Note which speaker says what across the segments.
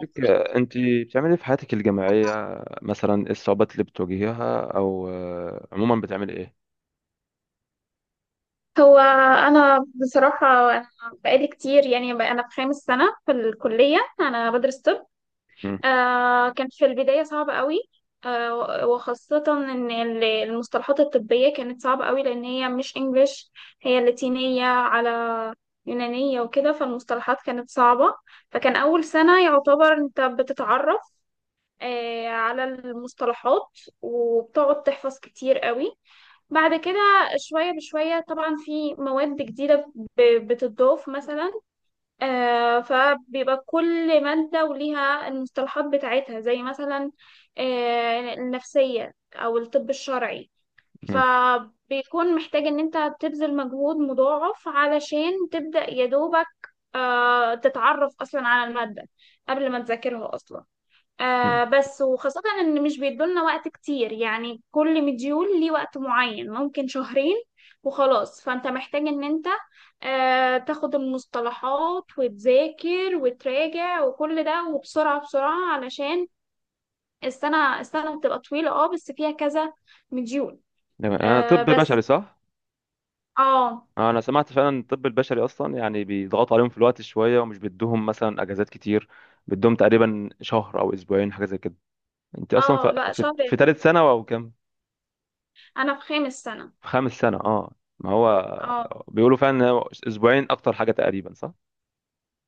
Speaker 1: لك انت بتعملي إيه في حياتك الجامعيه؟ مثلا ايه الصعوبات اللي بتواجهيها، او عموما بتعملي ايه؟
Speaker 2: هو، أنا بصراحة أنا بقالي كتير يعني بقى أنا في خامس سنة في الكلية، أنا بدرس طب.
Speaker 1: مم،
Speaker 2: كان في البداية صعب قوي. وخاصة إن المصطلحات الطبية كانت صعبة قوي، لأن هي مش إنجليش، هي لاتينية يونانية وكده، فالمصطلحات كانت صعبة. فكان أول سنة يعتبر أنت بتتعرف على المصطلحات، وبتقعد تحفظ كتير قوي. بعد كده شوية بشوية طبعا في مواد جديدة بتضاف مثلا. فبيبقى كل مادة وليها المصطلحات بتاعتها زي مثلا النفسية أو الطب الشرعي.
Speaker 1: مم،
Speaker 2: فبيكون محتاج إن أنت تبذل مجهود مضاعف علشان تبدأ يدوبك تتعرف أصلا على المادة قبل ما تذاكرها أصلا.
Speaker 1: مم.
Speaker 2: بس وخاصة إن مش بيدولنا وقت كتير، يعني كل مديول ليه وقت معين ممكن شهرين وخلاص. فأنت محتاج إن أنت تاخد المصطلحات وتذاكر وتراجع وكل ده، وبسرعة بسرعة علشان السنة بتبقى طويلة، بس فيها كذا مديول.
Speaker 1: تمام. انا طب بشري
Speaker 2: بس.
Speaker 1: صح؟
Speaker 2: اه،
Speaker 1: انا سمعت فعلا الطب البشري اصلا يعني بيضغطوا عليهم في الوقت شويه، ومش بيدوهم مثلا اجازات كتير. بيدوهم تقريبا شهر او اسبوعين، حاجه زي كده. انت اصلا
Speaker 2: اه،
Speaker 1: في
Speaker 2: لا،
Speaker 1: في,
Speaker 2: شهر.
Speaker 1: في ثالث سنه او كام؟
Speaker 2: أنا في خامس سنة.
Speaker 1: في خامس سنه اه. ما
Speaker 2: اه،
Speaker 1: هو بيقولوا فعلا إن هو اسبوعين اكتر حاجه تقريبا، صح؟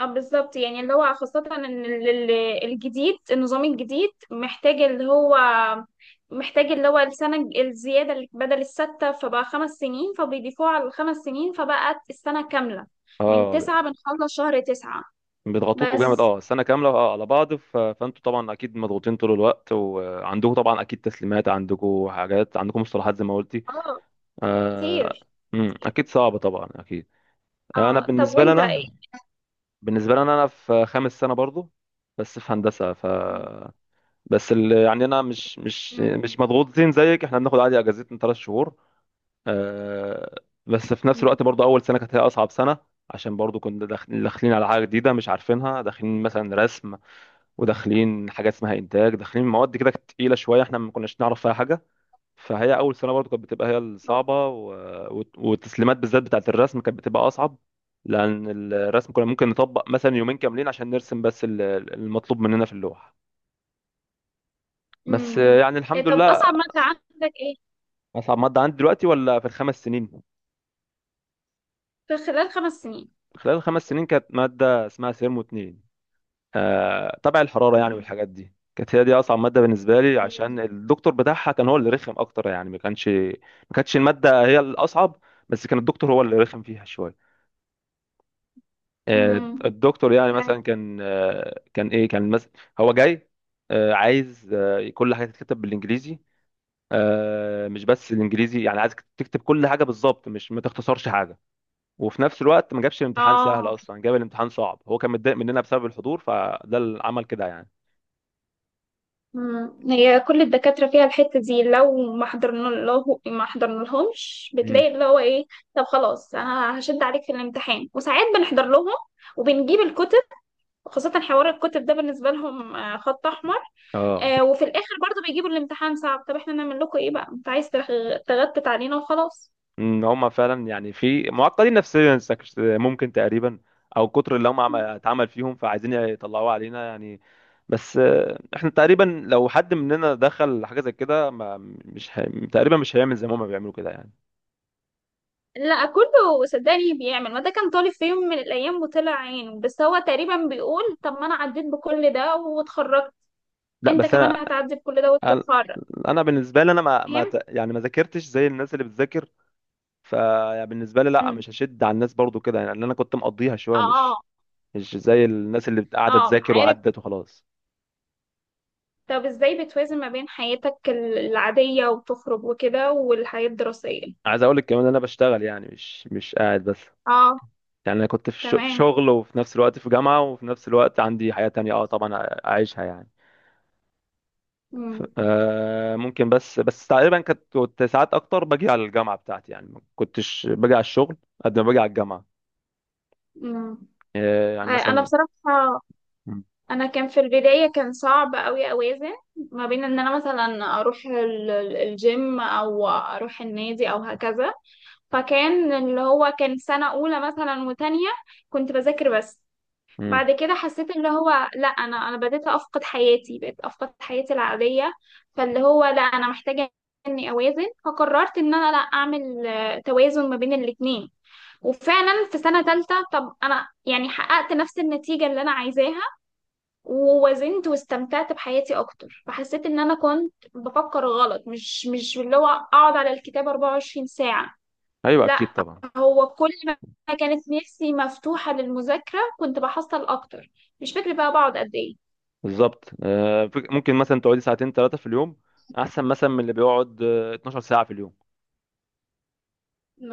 Speaker 2: اه، بالظبط. يعني اللي هو خاصة ان الجديد النظام الجديد محتاج اللي هو السنة الزيادة اللي بدل الستة فبقى 5 سنين، فبيضيفوها على الـ 5 سنين، فبقت السنة كاملة. من
Speaker 1: اه،
Speaker 2: تسعة بنخلص شهر تسعة.
Speaker 1: بيضغطوكوا جامد،
Speaker 2: بس.
Speaker 1: اه، السنه كامله اه على بعض فانتوا طبعا اكيد مضغوطين طول الوقت، وعندكم طبعا اكيد تسليمات، عندكم حاجات، عندكم مصطلحات زي ما قلتي.
Speaker 2: اه
Speaker 1: آه...
Speaker 2: كتير.
Speaker 1: مم،
Speaker 2: كتير.
Speaker 1: اكيد صعبه طبعا، اكيد. انا
Speaker 2: اه، طب
Speaker 1: بالنسبه لي
Speaker 2: وانت
Speaker 1: انا
Speaker 2: ايه؟
Speaker 1: بالنسبه لي انا أنا في خامس سنه برضو، بس في هندسه.
Speaker 2: مم.
Speaker 1: يعني انا مش مش
Speaker 2: مم.
Speaker 1: مش مضغوطين زيك. احنا بناخد عادي اجازتنا ثلاث شهور. آه... بس في نفس
Speaker 2: مم.
Speaker 1: الوقت برضو اول سنه كانت هي اصعب سنه، عشان برضو كنا داخلين على حاجه جديده مش عارفينها. داخلين مثلا رسم، وداخلين حاجات اسمها انتاج، داخلين مواد كده كانت تقيله شويه، احنا ما كناش نعرف فيها حاجه. فهي اول سنه برضو كانت بتبقى هي
Speaker 2: اه.
Speaker 1: الصعبه. والتسليمات بالذات بتاعه الرسم كانت بتبقى اصعب، لان الرسم كنا ممكن نطبق مثلا يومين كاملين عشان نرسم بس المطلوب مننا في اللوحه. بس
Speaker 2: مم.
Speaker 1: يعني
Speaker 2: إيه،
Speaker 1: الحمد
Speaker 2: طب
Speaker 1: لله.
Speaker 2: اصعب مادة عندك ايه؟
Speaker 1: اصعب ماده عندي دلوقتي ولا في الخمس سنين؟
Speaker 2: في خلال 5 سنين.
Speaker 1: خلال الخمس سنين كانت ماده اسمها سيرمو اتنين، تبع الحراره يعني،
Speaker 2: مم.
Speaker 1: والحاجات دي. كانت هي دي اصعب ماده بالنسبه لي،
Speaker 2: مم.
Speaker 1: عشان الدكتور بتاعها كان هو اللي رخم اكتر. يعني ما كانتش الماده هي الاصعب، بس كان الدكتور هو اللي رخم فيها شويه.
Speaker 2: مم.
Speaker 1: الدكتور يعني مثلا كان كان ايه، كان مثلا هو جاي عايز كل حاجه تتكتب بالانجليزي. مش بس الانجليزي، يعني عايز تكتب كل حاجه بالظبط، مش ما تختصرش حاجه. وفي نفس الوقت ما جابش الامتحان سهل
Speaker 2: اه.
Speaker 1: اصلا، جاب الامتحان صعب. هو كان متضايق مننا بسبب الحضور، فده اللي عمل كده يعني.
Speaker 2: مم. هي كل الدكاترة فيها الحتة دي، لو ما حضرنا لهمش
Speaker 1: مم.
Speaker 2: بتلاقي اللي هو ايه. طب خلاص، انا هشد عليك في الامتحان. وساعات بنحضر لهم وبنجيب الكتب. خاصة حوار الكتب ده بالنسبة لهم خط أحمر.
Speaker 1: اه،
Speaker 2: وفي الآخر برضو بيجيبوا الامتحان صعب. طب احنا نعمل لكم ايه بقى، انت عايز تغتت علينا وخلاص.
Speaker 1: ان هم فعلا يعني في معقدين نفسيا، ممكن تقريبا او كتر اللي هم اتعمل فيهم، فعايزين يطلعوه علينا يعني. بس احنا تقريبا لو حد مننا دخل حاجه زي كده ما مش هي... تقريبا مش هيعمل زي ما هم بيعملوا كده يعني.
Speaker 2: لا، كله صدقني بيعمل، ما ده كان طالب في يوم من الأيام وطلع عينه، بس هو تقريبا بيقول طب ما أنا عديت بكل ده واتخرجت.
Speaker 1: لا
Speaker 2: انت
Speaker 1: بس
Speaker 2: كمان
Speaker 1: انا،
Speaker 2: هتعدي بكل ده
Speaker 1: انا
Speaker 2: وتتخرج.
Speaker 1: أنا بالنسبه لي انا ما, ما ت- يعني ما ذاكرتش زي الناس اللي بتذاكر. فبالنسبه لي لا،
Speaker 2: مم.
Speaker 1: مش هشد على الناس برضو كده يعني، لأن انا كنت مقضيها شويه،
Speaker 2: اه.
Speaker 1: مش زي الناس اللي قاعده
Speaker 2: اه،
Speaker 1: تذاكر.
Speaker 2: عارف.
Speaker 1: وعدت وخلاص.
Speaker 2: طب ازاي بتوازن ما بين حياتك العادية وتخرج وكده، والحياة الدراسية؟
Speaker 1: عايز اقول لك كمان إن انا بشتغل، يعني مش قاعد بس.
Speaker 2: اه،
Speaker 1: يعني انا كنت في في
Speaker 2: تمام.
Speaker 1: شغل، وفي نفس الوقت في جامعة، وفي نفس الوقت عندي حياة تانية اه طبعا اعيشها يعني.
Speaker 2: مم.
Speaker 1: آه، ممكن بس تقريبا كنت ساعات اكتر باجي على الجامعة بتاعتي، يعني ما كنتش باجي على الشغل قد ما باجي على الجامعة.
Speaker 2: مم.
Speaker 1: آه يعني
Speaker 2: انا
Speaker 1: مثلا
Speaker 2: بصراحة
Speaker 1: مم.
Speaker 2: كان في البداية كان صعب قوي اوازن ما بين ان انا مثلا اروح الجيم او اروح النادي او هكذا. فكان اللي هو كان سنة اولى مثلا وتانية، كنت بذاكر بس.
Speaker 1: مم.
Speaker 2: بعد كده حسيت اللي هو لا، انا بديت افقد حياتي، بقيت افقد حياتي العاديه. فاللي هو لا، انا محتاجه اني اوازن، فقررت ان انا لا اعمل توازن ما بين الاتنين. وفعلا في سنه تالتة، طب انا يعني حققت نفس النتيجه اللي انا عايزاها، ووازنت واستمتعت بحياتي اكتر، فحسيت ان انا كنت بفكر غلط، مش اللي هو اقعد على الكتاب 24 ساعه.
Speaker 1: ايوه اكيد
Speaker 2: لا،
Speaker 1: طبعا.
Speaker 2: هو كل ما كانت نفسي مفتوحة للمذاكرة كنت بحصل أكتر. مش فاكرة بقى بقعد قد إيه.
Speaker 1: بالظبط. ممكن مثلا تقعدي ساعتين ثلاثة في اليوم، احسن مثلا من اللي بيقعد 12 ساعة في اليوم.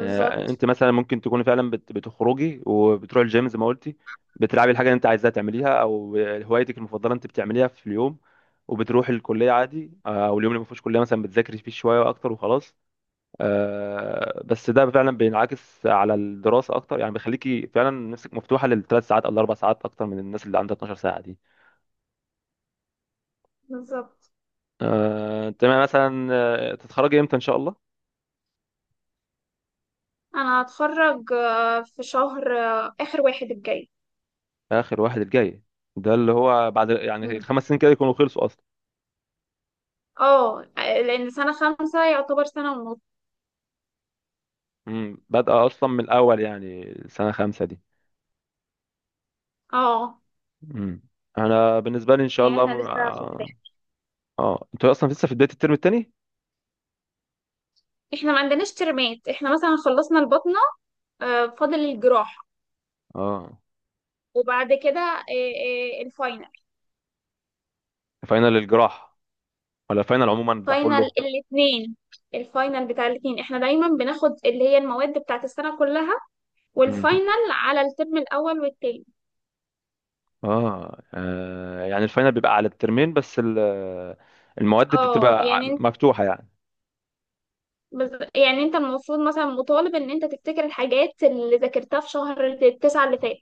Speaker 1: انت مثلا ممكن تكوني فعلا بتخرجي وبتروحي الجيم زي ما قلتي، بتلعبي الحاجه اللي انت عايزاها تعمليها، او هوايتك المفضله انت بتعمليها في اليوم، وبتروحي الكليه عادي. او اليوم اللي ما فيهوش كليه مثلا بتذاكري فيه شويه اكتر وخلاص. بس ده فعلا بينعكس على الدراسه اكتر، يعني بيخليكي فعلا نفسك مفتوحه للثلاث ساعات او الاربع ساعات اكتر من الناس اللي عندها 12 ساعه دي.
Speaker 2: بالظبط.
Speaker 1: تمام. مثلا تتخرجي امتى ان شاء الله؟
Speaker 2: أنا هتخرج في شهر آخر واحد الجاي.
Speaker 1: اخر واحد الجاي؟ ده اللي هو بعد يعني
Speaker 2: مم.
Speaker 1: الخمس سنين كده يكونوا خلصوا.
Speaker 2: اه، لأن سنة خمسة يعتبر سنة ونص.
Speaker 1: امم، بادئة أصلا من الأول يعني سنة خمسة دي؟
Speaker 2: اه،
Speaker 1: امم. أنا بالنسبة لي إن شاء
Speaker 2: يعني
Speaker 1: الله
Speaker 2: احنا
Speaker 1: م...
Speaker 2: لسه في البداية.
Speaker 1: آه آه. أنتوا أصلا لسه في بداية الترم التاني؟
Speaker 2: احنا ما عندناش ترمات، احنا مثلا خلصنا البطنة. فاضل الجراحة.
Speaker 1: آه.
Speaker 2: وبعد كده الفاينل.
Speaker 1: فاينل الجراح ولا فاينل عموما بتاع
Speaker 2: فاينل
Speaker 1: كله؟
Speaker 2: الاثنين. الفاينل بتاع الاثنين، احنا دايما بناخد اللي هي المواد بتاعت السنة كلها،
Speaker 1: امم.
Speaker 2: والفاينل على الترم الاول والتاني.
Speaker 1: يعني الفاينل بيبقى على الترمين بس المواد
Speaker 2: اه،
Speaker 1: بتبقى
Speaker 2: يعني انت
Speaker 1: مفتوحة يعني.
Speaker 2: المفروض مثلا مطالب ان انت تفتكر الحاجات اللي ذاكرتها في شهر التسعة اللي فات.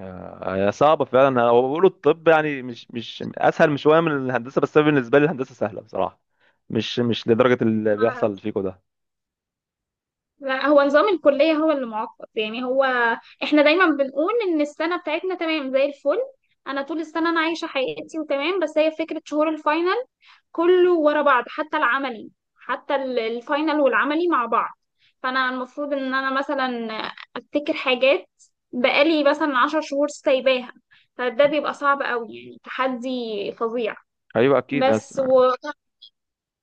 Speaker 1: هي صعبة فعلا. هو بيقولوا الطب يعني مش مش أسهل مش شوية من الهندسة، بس أنا بالنسبة لي الهندسة سهلة بصراحة، مش لدرجة اللي
Speaker 2: ما-
Speaker 1: بيحصل فيكم ده.
Speaker 2: لا، هو نظام الكلية هو اللي معقد يعني هو. احنا دايما بنقول ان السنة بتاعتنا تمام زي الفل. انا طول السنة انا عايشة حياتي وتمام، بس هي فكرة شهور الفاينل كله ورا بعض، حتى العملي، حتى الفاينل والعملي مع بعض. فانا المفروض ان انا مثلا افتكر حاجات بقالي مثلا 10 شهور سايباها، فده بيبقى صعب قوي، يعني تحدي فظيع.
Speaker 1: أيوه أكيد.
Speaker 2: بس و...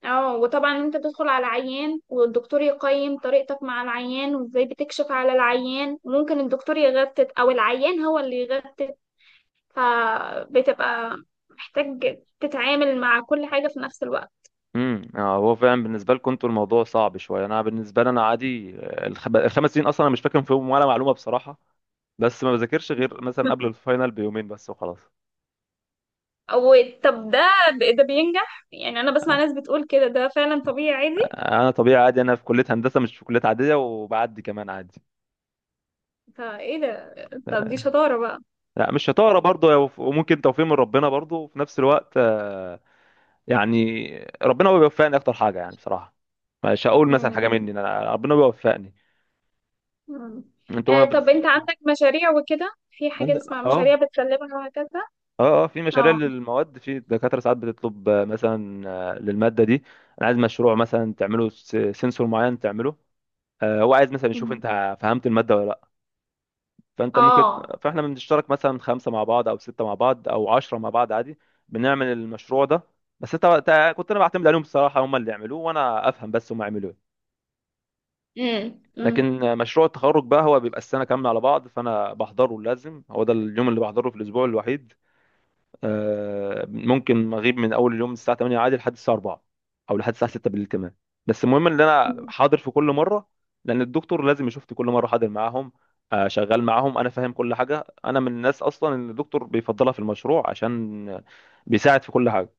Speaker 2: اه وطبعا انت تدخل على عيان والدكتور يقيم طريقتك مع العيان وازاي بتكشف على العيان، وممكن الدكتور يغتت او العيان هو اللي يغتت، فبتبقى محتاج تتعامل مع كل حاجة في نفس الوقت.
Speaker 1: امم. هو فعلا بالنسبه لكم انتوا الموضوع صعب شويه، انا بالنسبه لي انا عادي. الخمس سنين اصلا انا مش فاكر فيهم ولا معلومه بصراحه، بس ما بذاكرش غير مثلا قبل الفاينل بيومين بس وخلاص.
Speaker 2: أو. طب ده ده بينجح يعني؟ أنا بسمع ناس بتقول كده، ده فعلا طبيعي عادي.
Speaker 1: انا طبيعي عادي، انا في كليه هندسه مش في كليه عاديه، وبعدي كمان عادي.
Speaker 2: فإيه ده؟ طب دي
Speaker 1: آه،
Speaker 2: شطارة بقى.
Speaker 1: لا مش شطاره برضه، وممكن توفيق من ربنا برضه، وفي نفس الوقت يعني ربنا هو بيوفقني اكتر حاجه يعني، بصراحه مش هقول مثلا حاجه
Speaker 2: مم.
Speaker 1: مني، انا ربنا بيوفقني.
Speaker 2: مم.
Speaker 1: انتوا ما بت...
Speaker 2: طب أنت عندك مشاريع وكده؟ في
Speaker 1: عند...
Speaker 2: حاجة اسمها مشاريع
Speaker 1: اه
Speaker 2: بتسلمها وهكذا؟
Speaker 1: اه، اه في مشاريع
Speaker 2: اه.
Speaker 1: للمواد. في دكاترة ساعات بتطلب، مثلا للمادة دي انا عايز مشروع، مثلا تعمله سنسور معين تعمله. هو عايز مثلا يشوف
Speaker 2: مم.
Speaker 1: انت فهمت المادة ولا لا. فانت ممكن
Speaker 2: اه.
Speaker 1: فاحنا بنشترك مثلا خمسة مع بعض او ستة مع بعض او عشرة مع بعض عادي، بنعمل المشروع ده. بس انت انت- كنت انا بعتمد عليهم الصراحة، هم اللي يعملوه وانا افهم، بس هم يعملوه إيه.
Speaker 2: امم. امم.
Speaker 1: لكن مشروع التخرج بقى هو بيبقى السنة كاملة على بعض، فانا بحضره لازم. هو ده اليوم اللي بحضره في الاسبوع الوحيد. ممكن اغيب من اول اليوم من الساعه 8 عادي لحد الساعه 4، او لحد الساعه 6 بالليل كمان، بس المهم ان انا
Speaker 2: أمم.
Speaker 1: حاضر في كل مره، لان الدكتور لازم يشوفني كل مره حاضر معاهم، شغال معاهم، انا فاهم كل حاجه. انا من الناس اصلا ان الدكتور بيفضلها في المشروع، عشان بيساعد في كل حاجه،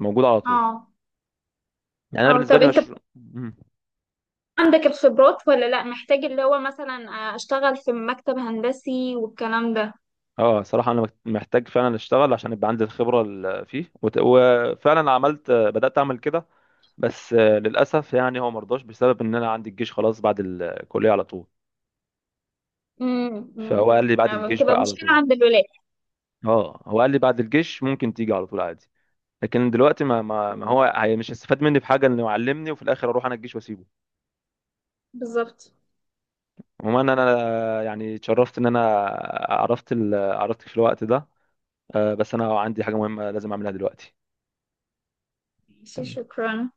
Speaker 1: موجود على طول.
Speaker 2: اه.
Speaker 1: يعني انا
Speaker 2: اه،
Speaker 1: بالنسبه
Speaker 2: طب
Speaker 1: لي
Speaker 2: أنت
Speaker 1: مشروع. مم.
Speaker 2: عندك الخبرات ولا لأ؟ محتاج اللي هو مثلا أشتغل في مكتب هندسي والكلام ده؟
Speaker 1: اه صراحه انا محتاج فعلا اشتغل عشان يبقى عندي الخبره اللي فيه، وفعلا عملت، بدات اعمل كده، بس للاسف يعني هو مرضاش بسبب ان انا عندي الجيش خلاص بعد الكليه على طول،
Speaker 2: امم. امم.
Speaker 1: فهو قال لي بعد الجيش
Speaker 2: بتبقى
Speaker 1: بقى على
Speaker 2: مشكلة
Speaker 1: طول.
Speaker 2: عند الولاد.
Speaker 1: اه هو قال لي بعد الجيش ممكن تيجي على طول عادي، لكن دلوقتي ما
Speaker 2: مم.
Speaker 1: هو هي مش هيستفاد مني بحاجه، انه يعلمني وفي الاخر اروح انا الجيش واسيبه.
Speaker 2: بالظبط.
Speaker 1: عموما انا يعني اتشرفت ان انا عرفتك في الوقت ده. بس انا عندي حاجه مهمه لازم اعملها دلوقتي.
Speaker 2: ماشي،
Speaker 1: تمام.
Speaker 2: شكرا.